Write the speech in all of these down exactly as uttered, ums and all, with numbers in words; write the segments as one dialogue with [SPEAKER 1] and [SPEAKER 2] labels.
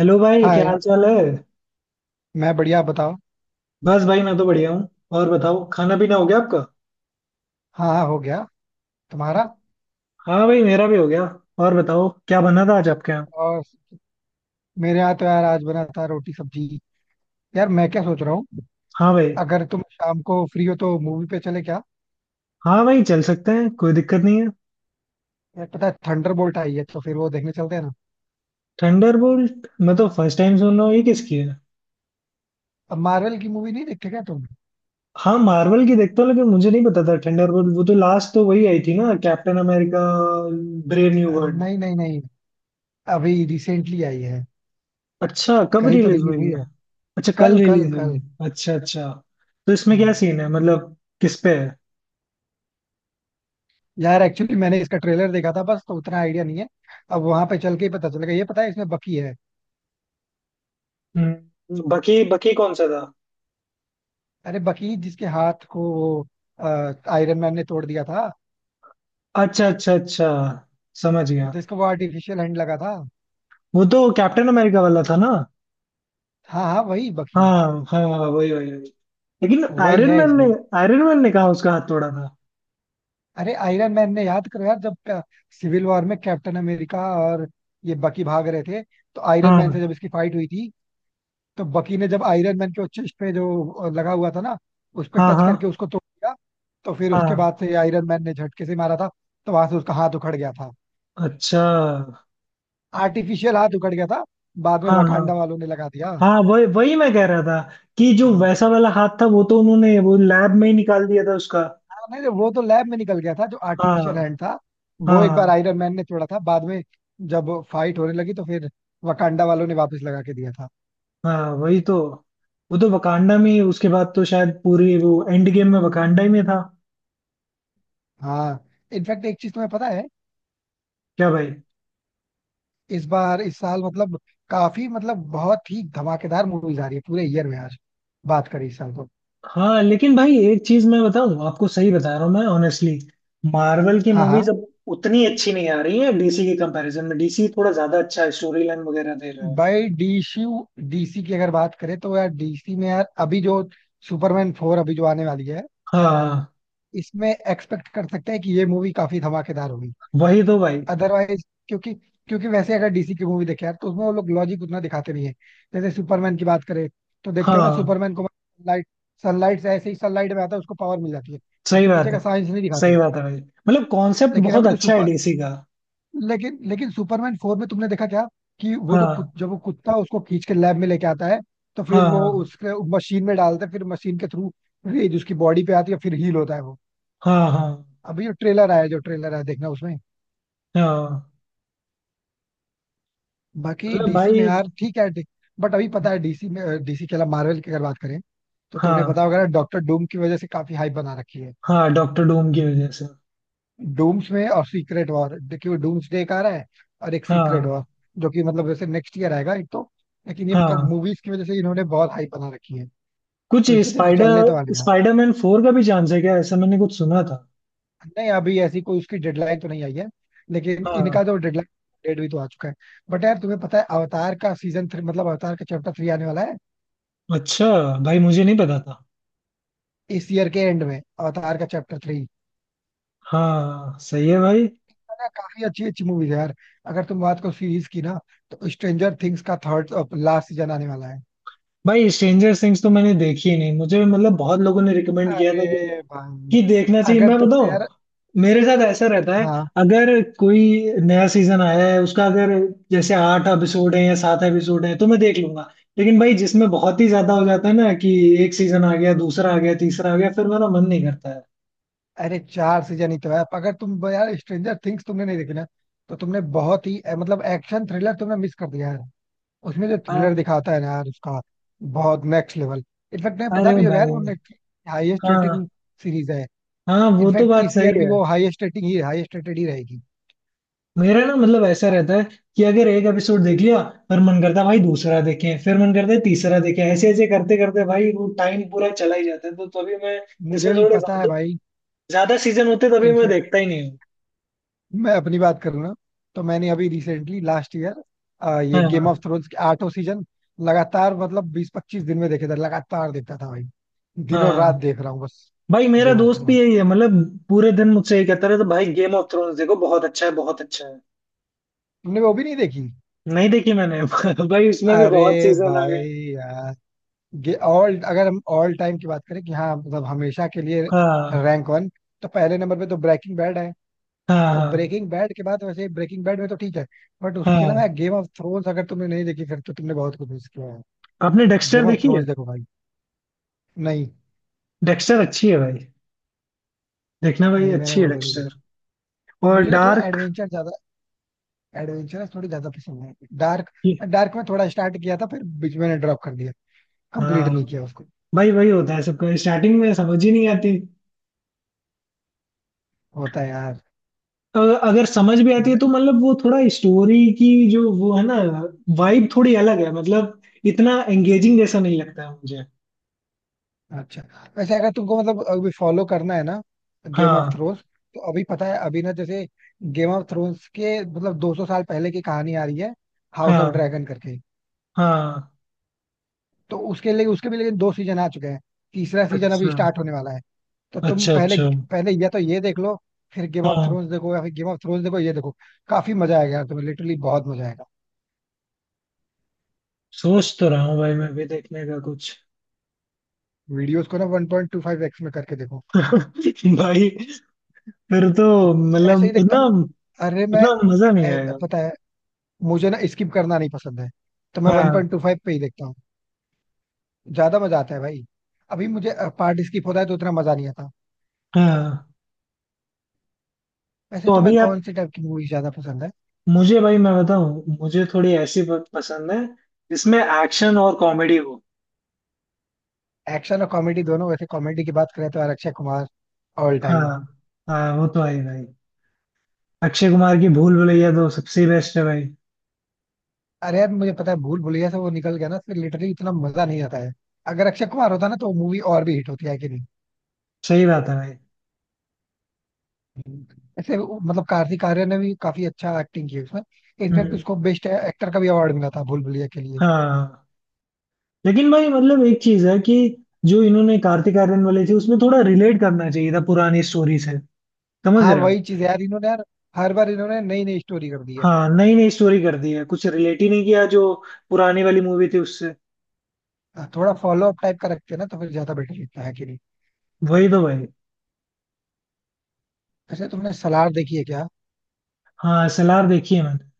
[SPEAKER 1] Hello भाई, क्या
[SPEAKER 2] हाय।
[SPEAKER 1] हाल चाल है?
[SPEAKER 2] मैं बढ़िया, आप बताओ।
[SPEAKER 1] बस भाई, मैं तो बढ़िया हूँ। और बताओ, खाना पीना हो गया आपका?
[SPEAKER 2] हाँ हाँ हो गया। तुम्हारा?
[SPEAKER 1] हाँ भाई, मेरा भी हो गया। और बताओ, क्या बना था आज आपके यहाँ?
[SPEAKER 2] और मेरे यहाँ तो यार आज बना था रोटी सब्जी। यार मैं क्या सोच रहा हूँ,
[SPEAKER 1] हाँ भाई।
[SPEAKER 2] अगर तुम शाम को फ्री हो तो मूवी पे चले क्या?
[SPEAKER 1] हाँ भाई, चल सकते हैं, कोई दिक्कत नहीं है।
[SPEAKER 2] यार पता है थंडरबोल्ट आई है, तो फिर वो देखने चलते हैं ना।
[SPEAKER 1] थंडरबोल्ट? मैं तो फर्स्ट टाइम सुन रहा हूँ, ये किसकी है?
[SPEAKER 2] अब मार्वल की मूवी नहीं देखते क्या तुम?
[SPEAKER 1] हाँ, मार्वल की देखता हूँ, लेकिन मुझे नहीं पता था थंडरबोल्ट। वो तो लास्ट तो वही आई थी ना, Captain America brave new
[SPEAKER 2] uh,
[SPEAKER 1] world.
[SPEAKER 2] नहीं नहीं नहीं, अभी रिसेंटली आई है।
[SPEAKER 1] अच्छा, कब
[SPEAKER 2] कल ही तो
[SPEAKER 1] रिलीज
[SPEAKER 2] रिलीज
[SPEAKER 1] हुई
[SPEAKER 2] हुई
[SPEAKER 1] है?
[SPEAKER 2] है।
[SPEAKER 1] अच्छा, कल
[SPEAKER 2] कल कल
[SPEAKER 1] रिलीज हुई
[SPEAKER 2] कल।
[SPEAKER 1] है, अच्छा अच्छा। तो इसमें क्या
[SPEAKER 2] हम्म।
[SPEAKER 1] सीन है, मतलब किस पे है?
[SPEAKER 2] यार एक्चुअली मैंने इसका ट्रेलर देखा था बस, तो उतना आइडिया नहीं है। अब वहां पे चल के ही पता चलेगा। ये पता है इसमें बकी है।
[SPEAKER 1] हम्म, बाकी बाकी कौन सा था?
[SPEAKER 2] अरे बकीर, जिसके हाथ को वो आयरन मैन ने तोड़ दिया था।
[SPEAKER 1] अच्छा अच्छा अच्छा, समझ गया।
[SPEAKER 2] जिसको वो आर्टिफिशियल हैंड लगा था।
[SPEAKER 1] वो तो कैप्टन अमेरिका वाला था ना?
[SPEAKER 2] हाँ हाँ वही बकीर।
[SPEAKER 1] हाँ हाँ हाँ, वही वही वही। लेकिन
[SPEAKER 2] वही
[SPEAKER 1] आयरन
[SPEAKER 2] है
[SPEAKER 1] मैन ने
[SPEAKER 2] इसमें।
[SPEAKER 1] आयरन मैन ने कहा उसका हाथ तोड़ा था।
[SPEAKER 2] अरे आयरन मैन ने, याद करो यार, जब सिविल वॉर में कैप्टन अमेरिका और ये बकी भाग रहे थे, तो आयरन
[SPEAKER 1] हाँ
[SPEAKER 2] मैन से जब इसकी फाइट हुई थी, तो बकी ने जब आयरन मैन के चेस्ट पे जो लगा हुआ था ना, उस पे
[SPEAKER 1] हाँ।
[SPEAKER 2] टच
[SPEAKER 1] हाँ
[SPEAKER 2] करके उसको तोड़ दिया। तो फिर उसके
[SPEAKER 1] हाँ।
[SPEAKER 2] बाद से आयरन मैन ने झटके से मारा था। तो वहां से उसका हाथ उखड़ गया था।
[SPEAKER 1] अच्छा।
[SPEAKER 2] आर्टिफिशियल हाथ उखड़ गया था। बाद में
[SPEAKER 1] हाँ हाँ
[SPEAKER 2] वकांडा वालों ने लगा दिया।
[SPEAKER 1] हाँ, वही वही, मैं कह रहा था कि जो वैसा वाला हाथ था वो तो उन्होंने वो लैब में ही निकाल दिया था उसका।
[SPEAKER 2] नहीं नहीं, वो तो लैब में निकल गया था जो
[SPEAKER 1] हाँ
[SPEAKER 2] आर्टिफिशियल हैंड था। वो एक बार
[SPEAKER 1] हाँ।
[SPEAKER 2] आयरन मैन ने छोड़ा था। बाद में जब फाइट होने लगी तो फिर वकांडा वालों ने वापस लगा के दिया था।
[SPEAKER 1] हाँ वही तो, वो तो वकांडा में ही उसके बाद तो शायद पूरी वो एंड गेम में वकांडा ही में था।
[SPEAKER 2] हाँ। इनफैक्ट एक चीज तुम्हें पता है?
[SPEAKER 1] क्या भाई?
[SPEAKER 2] इस बार इस साल मतलब काफी मतलब बहुत ही धमाकेदार मूवीज आ रही है पूरे ईयर में, आज बात करें इस साल तो।
[SPEAKER 1] हाँ लेकिन भाई एक चीज मैं बताऊं, आपको सही बता रहा हूँ मैं ऑनेस्टली, मार्वल की
[SPEAKER 2] हाँ
[SPEAKER 1] मूवीज
[SPEAKER 2] हाँ।
[SPEAKER 1] अब उतनी अच्छी नहीं आ रही है डीसी के कंपैरिजन में। डीसी थोड़ा ज्यादा अच्छा स्टोरी लाइन वगैरह दे रहा है।
[SPEAKER 2] बाई डीसी। डीसी की अगर बात करें तो यार, डीसी में यार अभी जो सुपरमैन फोर अभी जो आने वाली है,
[SPEAKER 1] हाँ
[SPEAKER 2] इसमें एक्सपेक्ट कर सकते हैं कि ये मूवी काफी धमाकेदार होगी।
[SPEAKER 1] वही तो भाई।
[SPEAKER 2] अदरवाइज क्योंकि क्योंकि वैसे अगर डीसी की मूवी देखे यार तो उसमें वो लोग लॉजिक उतना दिखाते नहीं है। जैसे सुपरमैन की बात करें, तो देखते हो ना,
[SPEAKER 1] हाँ
[SPEAKER 2] सुपरमैन को सनलाइट, सनलाइट से ऐसे ही सनलाइट में आता है उसको पावर मिल जाती है।
[SPEAKER 1] सही
[SPEAKER 2] उसके
[SPEAKER 1] बात
[SPEAKER 2] पीछे
[SPEAKER 1] है।
[SPEAKER 2] का साइंस नहीं दिखाते
[SPEAKER 1] सही
[SPEAKER 2] हैं।
[SPEAKER 1] बात है भाई, मतलब कॉन्सेप्ट
[SPEAKER 2] लेकिन
[SPEAKER 1] बहुत
[SPEAKER 2] अभी जो
[SPEAKER 1] अच्छा है
[SPEAKER 2] सुपर
[SPEAKER 1] डीसी का।
[SPEAKER 2] लेकिन लेकिन सुपरमैन फोर में तुमने देखा क्या, कि वो जो कुत,
[SPEAKER 1] हाँ
[SPEAKER 2] जब वो कुत्ता उसको खींच के लैब में लेके आता है तो फिर वो
[SPEAKER 1] हाँ
[SPEAKER 2] उसके मशीन में डालते हैं, फिर मशीन के थ्रू रेज उसकी बॉडी पे आती है फिर हील होता है वो।
[SPEAKER 1] हाँ हाँ हाँ
[SPEAKER 2] अभी जो ट्रेलर आया जो ट्रेलर आया देखना उसमें।
[SPEAKER 1] हाँ।
[SPEAKER 2] बाकी
[SPEAKER 1] मतलब
[SPEAKER 2] डीसी में
[SPEAKER 1] भाई।
[SPEAKER 2] यार ठीक है। बट अभी पता है डीसी में, डीसी के अलावा मार्वल की अगर बात करें, तो तुमने
[SPEAKER 1] हाँ
[SPEAKER 2] पता होगा ना डॉक्टर डूम की वजह से काफी हाइप बना रखी है।
[SPEAKER 1] हाँ, डॉक्टर डूम की वजह से।
[SPEAKER 2] डूम्स में और सीक्रेट वॉर, देखिए डूम्स डे एक आ रहा है और एक सीक्रेट
[SPEAKER 1] हाँ
[SPEAKER 2] वॉर, जो कि मतलब जैसे नेक्स्ट ईयर आएगा एक तो। लेकिन ये
[SPEAKER 1] हाँ।
[SPEAKER 2] मूवीज की वजह से इन्होंने बहुत हाइप बना रखी है,
[SPEAKER 1] कुछ
[SPEAKER 2] तो इस वजह से चलने
[SPEAKER 1] स्पाइडर
[SPEAKER 2] तो वाले हैं।
[SPEAKER 1] स्पाइडरमैन फोर का भी चांस है क्या? ऐसा मैंने कुछ सुना था।
[SPEAKER 2] नहीं अभी ऐसी कोई उसकी डेडलाइन तो नहीं आई है, लेकिन
[SPEAKER 1] हाँ।
[SPEAKER 2] इनका जो डेडलाइन डेट भी तो आ चुका है। बट यार तुम्हें पता है, अवतार का सीजन थ्री मतलब अवतार का चैप्टर थ्री आने वाला है,
[SPEAKER 1] अच्छा भाई, मुझे नहीं पता था।
[SPEAKER 2] इस ईयर के एंड में अवतार का चैप्टर थ्री।
[SPEAKER 1] हाँ सही है भाई।
[SPEAKER 2] है ना? काफी अच्छी अच्छी मूवीज है यार। अगर तुम बात करो सीरीज की ना, तो स्ट्रेंजर थिंग्स का थर्ड लास्ट सीजन आने वाला है।
[SPEAKER 1] भाई स्ट्रेंजर थिंग्स तो मैंने देखी ही नहीं, मुझे मतलब बहुत लोगों ने रिकमेंड किया
[SPEAKER 2] अरे
[SPEAKER 1] था कि
[SPEAKER 2] भाई,
[SPEAKER 1] कि देखना चाहिए।
[SPEAKER 2] अगर
[SPEAKER 1] मैं
[SPEAKER 2] तुमने यार,
[SPEAKER 1] बताऊं, मेरे साथ ऐसा रहता है,
[SPEAKER 2] हाँ,
[SPEAKER 1] अगर कोई नया सीजन आया है उसका, अगर जैसे आठ एपिसोड है या सात एपिसोड है तो मैं देख लूंगा। लेकिन भाई जिसमें बहुत ही ज्यादा हो जाता है ना, कि एक सीजन आ गया, दूसरा आ गया, तीसरा आ गया, फिर मेरा मन नहीं करता है।
[SPEAKER 2] अरे चार सीजन ही तो है। अगर तुम यार, स्ट्रेंजर थिंग्स तुमने नहीं देखी ना, तो तुमने बहुत ही अ, मतलब एक्शन थ्रिलर तुमने मिस कर दिया यार। उसमें जो थ्रिलर
[SPEAKER 1] अ-
[SPEAKER 2] दिखाता है ना यार उसका, बहुत नेक्स्ट लेवल। इनफैक्ट तुम्हें पता
[SPEAKER 1] अरे
[SPEAKER 2] भी होगा यार,
[SPEAKER 1] भाई।
[SPEAKER 2] वो हाईएस्ट
[SPEAKER 1] हाँ
[SPEAKER 2] रेटिंग सीरीज है।
[SPEAKER 1] हाँ, वो तो
[SPEAKER 2] इनफैक्ट
[SPEAKER 1] बात
[SPEAKER 2] इस
[SPEAKER 1] सही
[SPEAKER 2] ईयर भी
[SPEAKER 1] है।
[SPEAKER 2] वो हाईएस्ट रेटिंग ही, हाईएस्ट रेटेड ही रहेगी।
[SPEAKER 1] मेरा ना मतलब ऐसा रहता है कि अगर एक एपिसोड देख लिया, पर मन करता है भाई दूसरा देखें, फिर मन करता है तीसरा देखें, ऐसे ऐसे करते करते भाई वो टाइम पूरा चला ही जाता है, तो तभी मैं
[SPEAKER 2] मुझे
[SPEAKER 1] इसमें
[SPEAKER 2] भी
[SPEAKER 1] थोड़े
[SPEAKER 2] पता है
[SPEAKER 1] ज्यादा
[SPEAKER 2] भाई।
[SPEAKER 1] ज्यादा सीजन होते तभी मैं
[SPEAKER 2] इनफैक्ट
[SPEAKER 1] देखता ही नहीं हूँ।
[SPEAKER 2] मैं अपनी बात करूँ ना, तो मैंने अभी रिसेंटली लास्ट ईयर ये गेम
[SPEAKER 1] हाँ
[SPEAKER 2] ऑफ थ्रोन्स के आठों सीजन लगातार, मतलब बीस पच्चीस दिन में देखे थे। लगातार देखता था भाई, दिनों रात
[SPEAKER 1] हाँ
[SPEAKER 2] देख रहा हूँ बस।
[SPEAKER 1] भाई, मेरा
[SPEAKER 2] गेम ऑफ
[SPEAKER 1] दोस्त भी
[SPEAKER 2] थ्रोन्स।
[SPEAKER 1] यही है, मतलब पूरे दिन मुझसे यही कहता रहता है, भाई गेम ऑफ थ्रोन्स देखो, बहुत अच्छा है, बहुत अच्छा है।
[SPEAKER 2] तुमने वो भी नहीं देखी?
[SPEAKER 1] नहीं देखी मैंने। भाई उसमें भी
[SPEAKER 2] अरे
[SPEAKER 1] बहुत सीजन आ गए।
[SPEAKER 2] भाई यार, ये ऑल, अगर हम ऑल टाइम की बात करें कि हाँ मतलब हमेशा के लिए
[SPEAKER 1] हाँ
[SPEAKER 2] रैंक वन, तो पहले नंबर पे तो ब्रेकिंग बैड है। तो
[SPEAKER 1] हाँ।
[SPEAKER 2] ब्रेकिंग बैड के बाद, वैसे ब्रेकिंग बैड में तो ठीक है, बट
[SPEAKER 1] हाँ
[SPEAKER 2] उसके अलावा
[SPEAKER 1] हाँ।
[SPEAKER 2] गेम ऑफ थ्रोन्स अगर तुमने नहीं देखी, फिर तो तुमने बहुत कुछ मिस किया है।
[SPEAKER 1] आपने डेक्स्टर
[SPEAKER 2] गेम ऑफ
[SPEAKER 1] देखी है?
[SPEAKER 2] थ्रोन्स देखो भाई। नहीं।
[SPEAKER 1] डेक्स्टर अच्छी है भाई, देखना भाई,
[SPEAKER 2] नहीं मैंने
[SPEAKER 1] अच्छी है
[SPEAKER 2] वो तो नहीं
[SPEAKER 1] डेक्स्टर।
[SPEAKER 2] देखी।
[SPEAKER 1] और
[SPEAKER 2] मुझे ना थोड़ा
[SPEAKER 1] डार्क?
[SPEAKER 2] एडवेंचर ज्यादा, एडवेंचरस थोड़ी ज्यादा पसंद है। डार्क,
[SPEAKER 1] ये-
[SPEAKER 2] डार्क में थोड़ा स्टार्ट किया था फिर बीच में ड्रॉप कर दिया, कंप्लीट
[SPEAKER 1] हाँ
[SPEAKER 2] नहीं किया उसको।
[SPEAKER 1] भाई, वही होता है सबका, स्टार्टिंग में समझ ही नहीं आती।
[SPEAKER 2] होता है यार।
[SPEAKER 1] अगर अगर समझ भी आती है तो मतलब वो थोड़ा स्टोरी की जो वो है ना, वाइब थोड़ी अलग है, मतलब इतना एंगेजिंग जैसा नहीं लगता है मुझे।
[SPEAKER 2] अच्छा। वैसे अगर तुमको मतलब अभी फॉलो करना है ना गेम ऑफ
[SPEAKER 1] हाँ
[SPEAKER 2] थ्रोन्स, तो अभी पता है अभी ना, जैसे गेम ऑफ थ्रोन्स के मतलब दो सौ साल पहले की कहानी आ रही है, हाउस ऑफ
[SPEAKER 1] हाँ।
[SPEAKER 2] ड्रैगन करके।
[SPEAKER 1] हाँ,
[SPEAKER 2] तो उसके लिए, उसके भी लेकिन दो सीजन आ चुके हैं, तीसरा सीजन अभी
[SPEAKER 1] अच्छा
[SPEAKER 2] स्टार्ट होने वाला है। तो तुम
[SPEAKER 1] अच्छा
[SPEAKER 2] पहले
[SPEAKER 1] अच्छा।
[SPEAKER 2] पहले या तो ये देख लो, फिर गेम ऑफ
[SPEAKER 1] हाँ,
[SPEAKER 2] थ्रोन्स देखो, या फिर गेम ऑफ थ्रोन्स देखो, ये देखो। काफी मजा आएगा यार तुम्हें, लिटरली बहुत मजा आएगा।
[SPEAKER 1] सोच तो रहा हूँ भाई मैं भी देखने का कुछ।
[SPEAKER 2] वीडियोस को ना one point two five x में करके देखो।
[SPEAKER 1] भाई फिर तो,
[SPEAKER 2] ऐसे ही
[SPEAKER 1] मतलब
[SPEAKER 2] देखता।
[SPEAKER 1] इतना,
[SPEAKER 2] अरे मैं,
[SPEAKER 1] इतना मजा नहीं
[SPEAKER 2] ऐ-
[SPEAKER 1] आएगा।
[SPEAKER 2] पता है, मुझे ना स्किप करना नहीं पसंद है, तो मैं
[SPEAKER 1] हाँ
[SPEAKER 2] वन पॉइंट टू फाइव पे ही देखता हूँ, ज्यादा मजा आता है भाई। अभी मुझे पार्ट स्किप होता है तो उतना मजा नहीं आता।
[SPEAKER 1] हाँ।
[SPEAKER 2] वैसे
[SPEAKER 1] तो
[SPEAKER 2] तुम्हें
[SPEAKER 1] अभी आप,
[SPEAKER 2] कौन से टाइप की मूवी ज्यादा पसंद है?
[SPEAKER 1] मुझे भाई मैं बताऊं, मुझे थोड़ी ऐसी प- पसंद है जिसमें एक्शन और कॉमेडी हो।
[SPEAKER 2] एक्शन और कॉमेडी दोनों, वैसे कॉमेडी की बात करें तो यार अक्षय कुमार, ऑल टाइम।
[SPEAKER 1] हाँ हाँ, वो तो है ही भाई। अक्षय कुमार की भूल भुलैया तो सबसे बेस्ट है भाई।
[SPEAKER 2] अरे यार मुझे पता है, भूल भुलैया से वो निकल गया ना, फिर लिटरली इतना मजा नहीं आता है। अगर अक्षय कुमार होता ना, तो मूवी और भी हिट होती है कि नहीं।
[SPEAKER 1] सही बात है भाई।
[SPEAKER 2] ऐसे वो- मतलब कार्तिक आर्यन ने भी काफी अच्छा एक्टिंग की है उसमें। इनफैक्ट
[SPEAKER 1] हम्म।
[SPEAKER 2] उसको बेस्ट एक्टर का भी अवार्ड मिला था भूल भुलैया के लिए।
[SPEAKER 1] हाँ लेकिन भाई, मतलब एक चीज है कि जो इन्होंने कार्तिक आर्यन वाली थी उसमें थोड़ा रिलेट करना चाहिए था पुरानी स्टोरी से, समझ
[SPEAKER 2] हाँ
[SPEAKER 1] रहे हो?
[SPEAKER 2] वही चीज यार, इन्होंने यार हर बार इन्होंने नई नई स्टोरी कर दी है।
[SPEAKER 1] हाँ, नई नई स्टोरी कर दी है, कुछ रिलेट ही नहीं किया जो पुरानी वाली मूवी थी उससे।
[SPEAKER 2] हाँ, थोड़ा फॉलो अप टाइप का रखते हैं ना, तो फिर ज्यादा बेटर लगता है कि नहीं।
[SPEAKER 1] वही तो भाई।
[SPEAKER 2] वैसे तुमने सलार देखी है क्या?
[SPEAKER 1] हाँ सलार देखी है मैंने।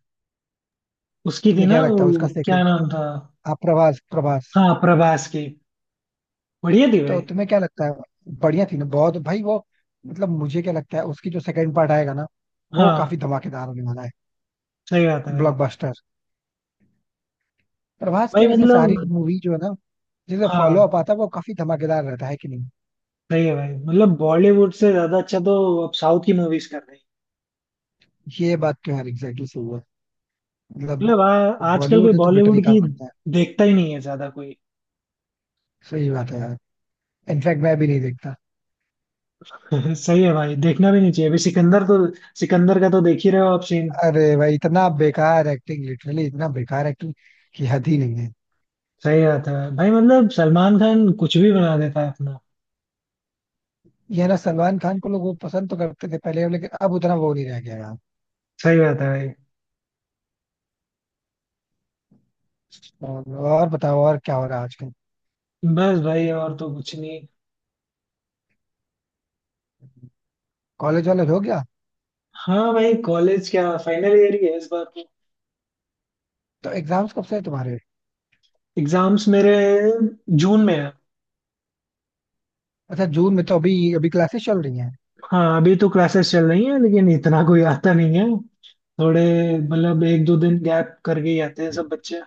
[SPEAKER 1] उसकी थी
[SPEAKER 2] तुम्हें
[SPEAKER 1] ना,
[SPEAKER 2] क्या लगता है उसका
[SPEAKER 1] वो क्या
[SPEAKER 2] सेकंड?
[SPEAKER 1] नाम था?
[SPEAKER 2] हाँ, प्रभास प्रभास।
[SPEAKER 1] हाँ प्रभास की, बढ़िया थी
[SPEAKER 2] तो
[SPEAKER 1] भाई।
[SPEAKER 2] तुम्हें क्या लगता है? बढ़िया थी ना बहुत, भाई वो। मतलब मुझे क्या लगता है उसकी जो सेकंड पार्ट आएगा ना, वो काफी
[SPEAKER 1] हाँ
[SPEAKER 2] धमाकेदार होने वाला है।
[SPEAKER 1] सही बात है भाई।
[SPEAKER 2] ब्लॉकबस्टर। प्रभास
[SPEAKER 1] भाई
[SPEAKER 2] की वैसे सारी
[SPEAKER 1] मतलब,
[SPEAKER 2] मूवी जो है ना, जैसे फॉलो
[SPEAKER 1] हाँ
[SPEAKER 2] अप आता है वो काफी धमाकेदार रहता है कि नहीं।
[SPEAKER 1] सही है भाई, मतलब बॉलीवुड से ज्यादा अच्छा तो अब साउथ की मूवीज कर रही है।
[SPEAKER 2] ये बात तो यार एग्जैक्टली सही है। मतलब
[SPEAKER 1] मतलब आ- आजकल कोई
[SPEAKER 2] बॉलीवुड है तो बेटर
[SPEAKER 1] बॉलीवुड
[SPEAKER 2] ही काम
[SPEAKER 1] की
[SPEAKER 2] करता है।
[SPEAKER 1] देखता ही नहीं है ज्यादा कोई।
[SPEAKER 2] सही बात है यार, इनफैक्ट मैं भी नहीं देखता।
[SPEAKER 1] सही है भाई, देखना भी नहीं चाहिए। अभी सिकंदर तो, सिकंदर का तो देख ही रहे हो आप सीन।
[SPEAKER 2] अरे भाई, इतना बेकार एक्टिंग, लिटरली इतना बेकार एक्टिंग की हद ही नहीं है।
[SPEAKER 1] सही बात है भाई, भाई, मतलब सलमान खान कुछ भी बना देता है अपना।
[SPEAKER 2] ये है ना, सलमान खान को लोग वो पसंद तो करते थे पहले, लेकिन अब उतना वो नहीं रह गया यार।
[SPEAKER 1] सही बात है भाई।
[SPEAKER 2] और और बताओ, और क्या हो रहा है आजकल।
[SPEAKER 1] बस भाई और तो कुछ नहीं।
[SPEAKER 2] कॉलेज वॉलेज हो गया?
[SPEAKER 1] हाँ भाई, कॉलेज क्या, फाइनल ईयर ही है इस बार तो।
[SPEAKER 2] तो एग्जाम्स कब से है तुम्हारे?
[SPEAKER 1] एग्जाम्स मेरे जून में है।
[SPEAKER 2] अच्छा जून में, तो अभी अभी क्लासेस चल रही हैं।
[SPEAKER 1] हाँ, अभी तो क्लासेस चल रही हैं लेकिन इतना कोई आता नहीं है थोड़े, मतलब एक दो दिन गैप करके ही आते हैं सब बच्चे।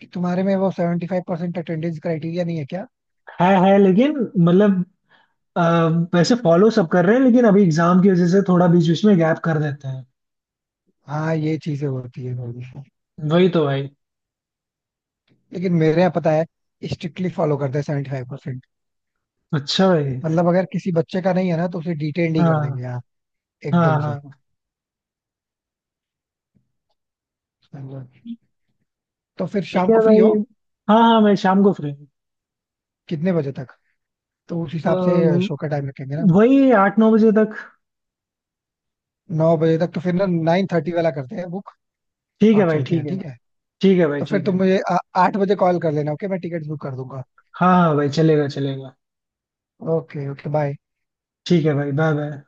[SPEAKER 2] कि तुम्हारे में वो seventy five percent attendance criteria नहीं है क्या?
[SPEAKER 1] है है लेकिन, मतलब, अ, वैसे फॉलो सब कर रहे हैं लेकिन अभी एग्जाम की वजह से थोड़ा बीच बीच में गैप कर देते हैं।
[SPEAKER 2] हाँ ये चीजें होती है थोड़ी सी।
[SPEAKER 1] वही तो भाई।
[SPEAKER 2] लेकिन मेरे यहाँ पता है, स्ट्रिक्टली फॉलो करते हैं सेवेंटी फाइव परसेंट।
[SPEAKER 1] अच्छा भाई।
[SPEAKER 2] मतलब अगर किसी बच्चे का नहीं है ना, तो उसे डिटेन ही कर
[SPEAKER 1] हाँ
[SPEAKER 2] देंगे यार,
[SPEAKER 1] हाँ
[SPEAKER 2] एकदम से।
[SPEAKER 1] हाँ।
[SPEAKER 2] समझो। तो फिर
[SPEAKER 1] ठीक
[SPEAKER 2] शाम
[SPEAKER 1] है
[SPEAKER 2] को फ्री हो?
[SPEAKER 1] भाई, हाँ हाँ मैं शाम को फ्री हूँ।
[SPEAKER 2] कितने बजे तक, तो उस
[SPEAKER 1] अ,
[SPEAKER 2] हिसाब से शो का टाइम रखेंगे ना।
[SPEAKER 1] वही आठ नौ बजे तक।
[SPEAKER 2] नौ बजे तक? तो फिर ना नाइन थर्टी वाला करते हैं बुक,
[SPEAKER 1] ठीक है
[SPEAKER 2] और
[SPEAKER 1] भाई
[SPEAKER 2] चलते हैं,
[SPEAKER 1] ठीक है।
[SPEAKER 2] ठीक है?
[SPEAKER 1] ठीक है भाई
[SPEAKER 2] तो फिर
[SPEAKER 1] ठीक
[SPEAKER 2] तुम
[SPEAKER 1] है।
[SPEAKER 2] मुझे आ- आठ बजे कॉल कर लेना ओके, मैं टिकट बुक कर दूंगा।
[SPEAKER 1] हाँ हाँ भाई, चलेगा चलेगा।
[SPEAKER 2] Okay okay bye.
[SPEAKER 1] ठीक है भाई, बाय बाय।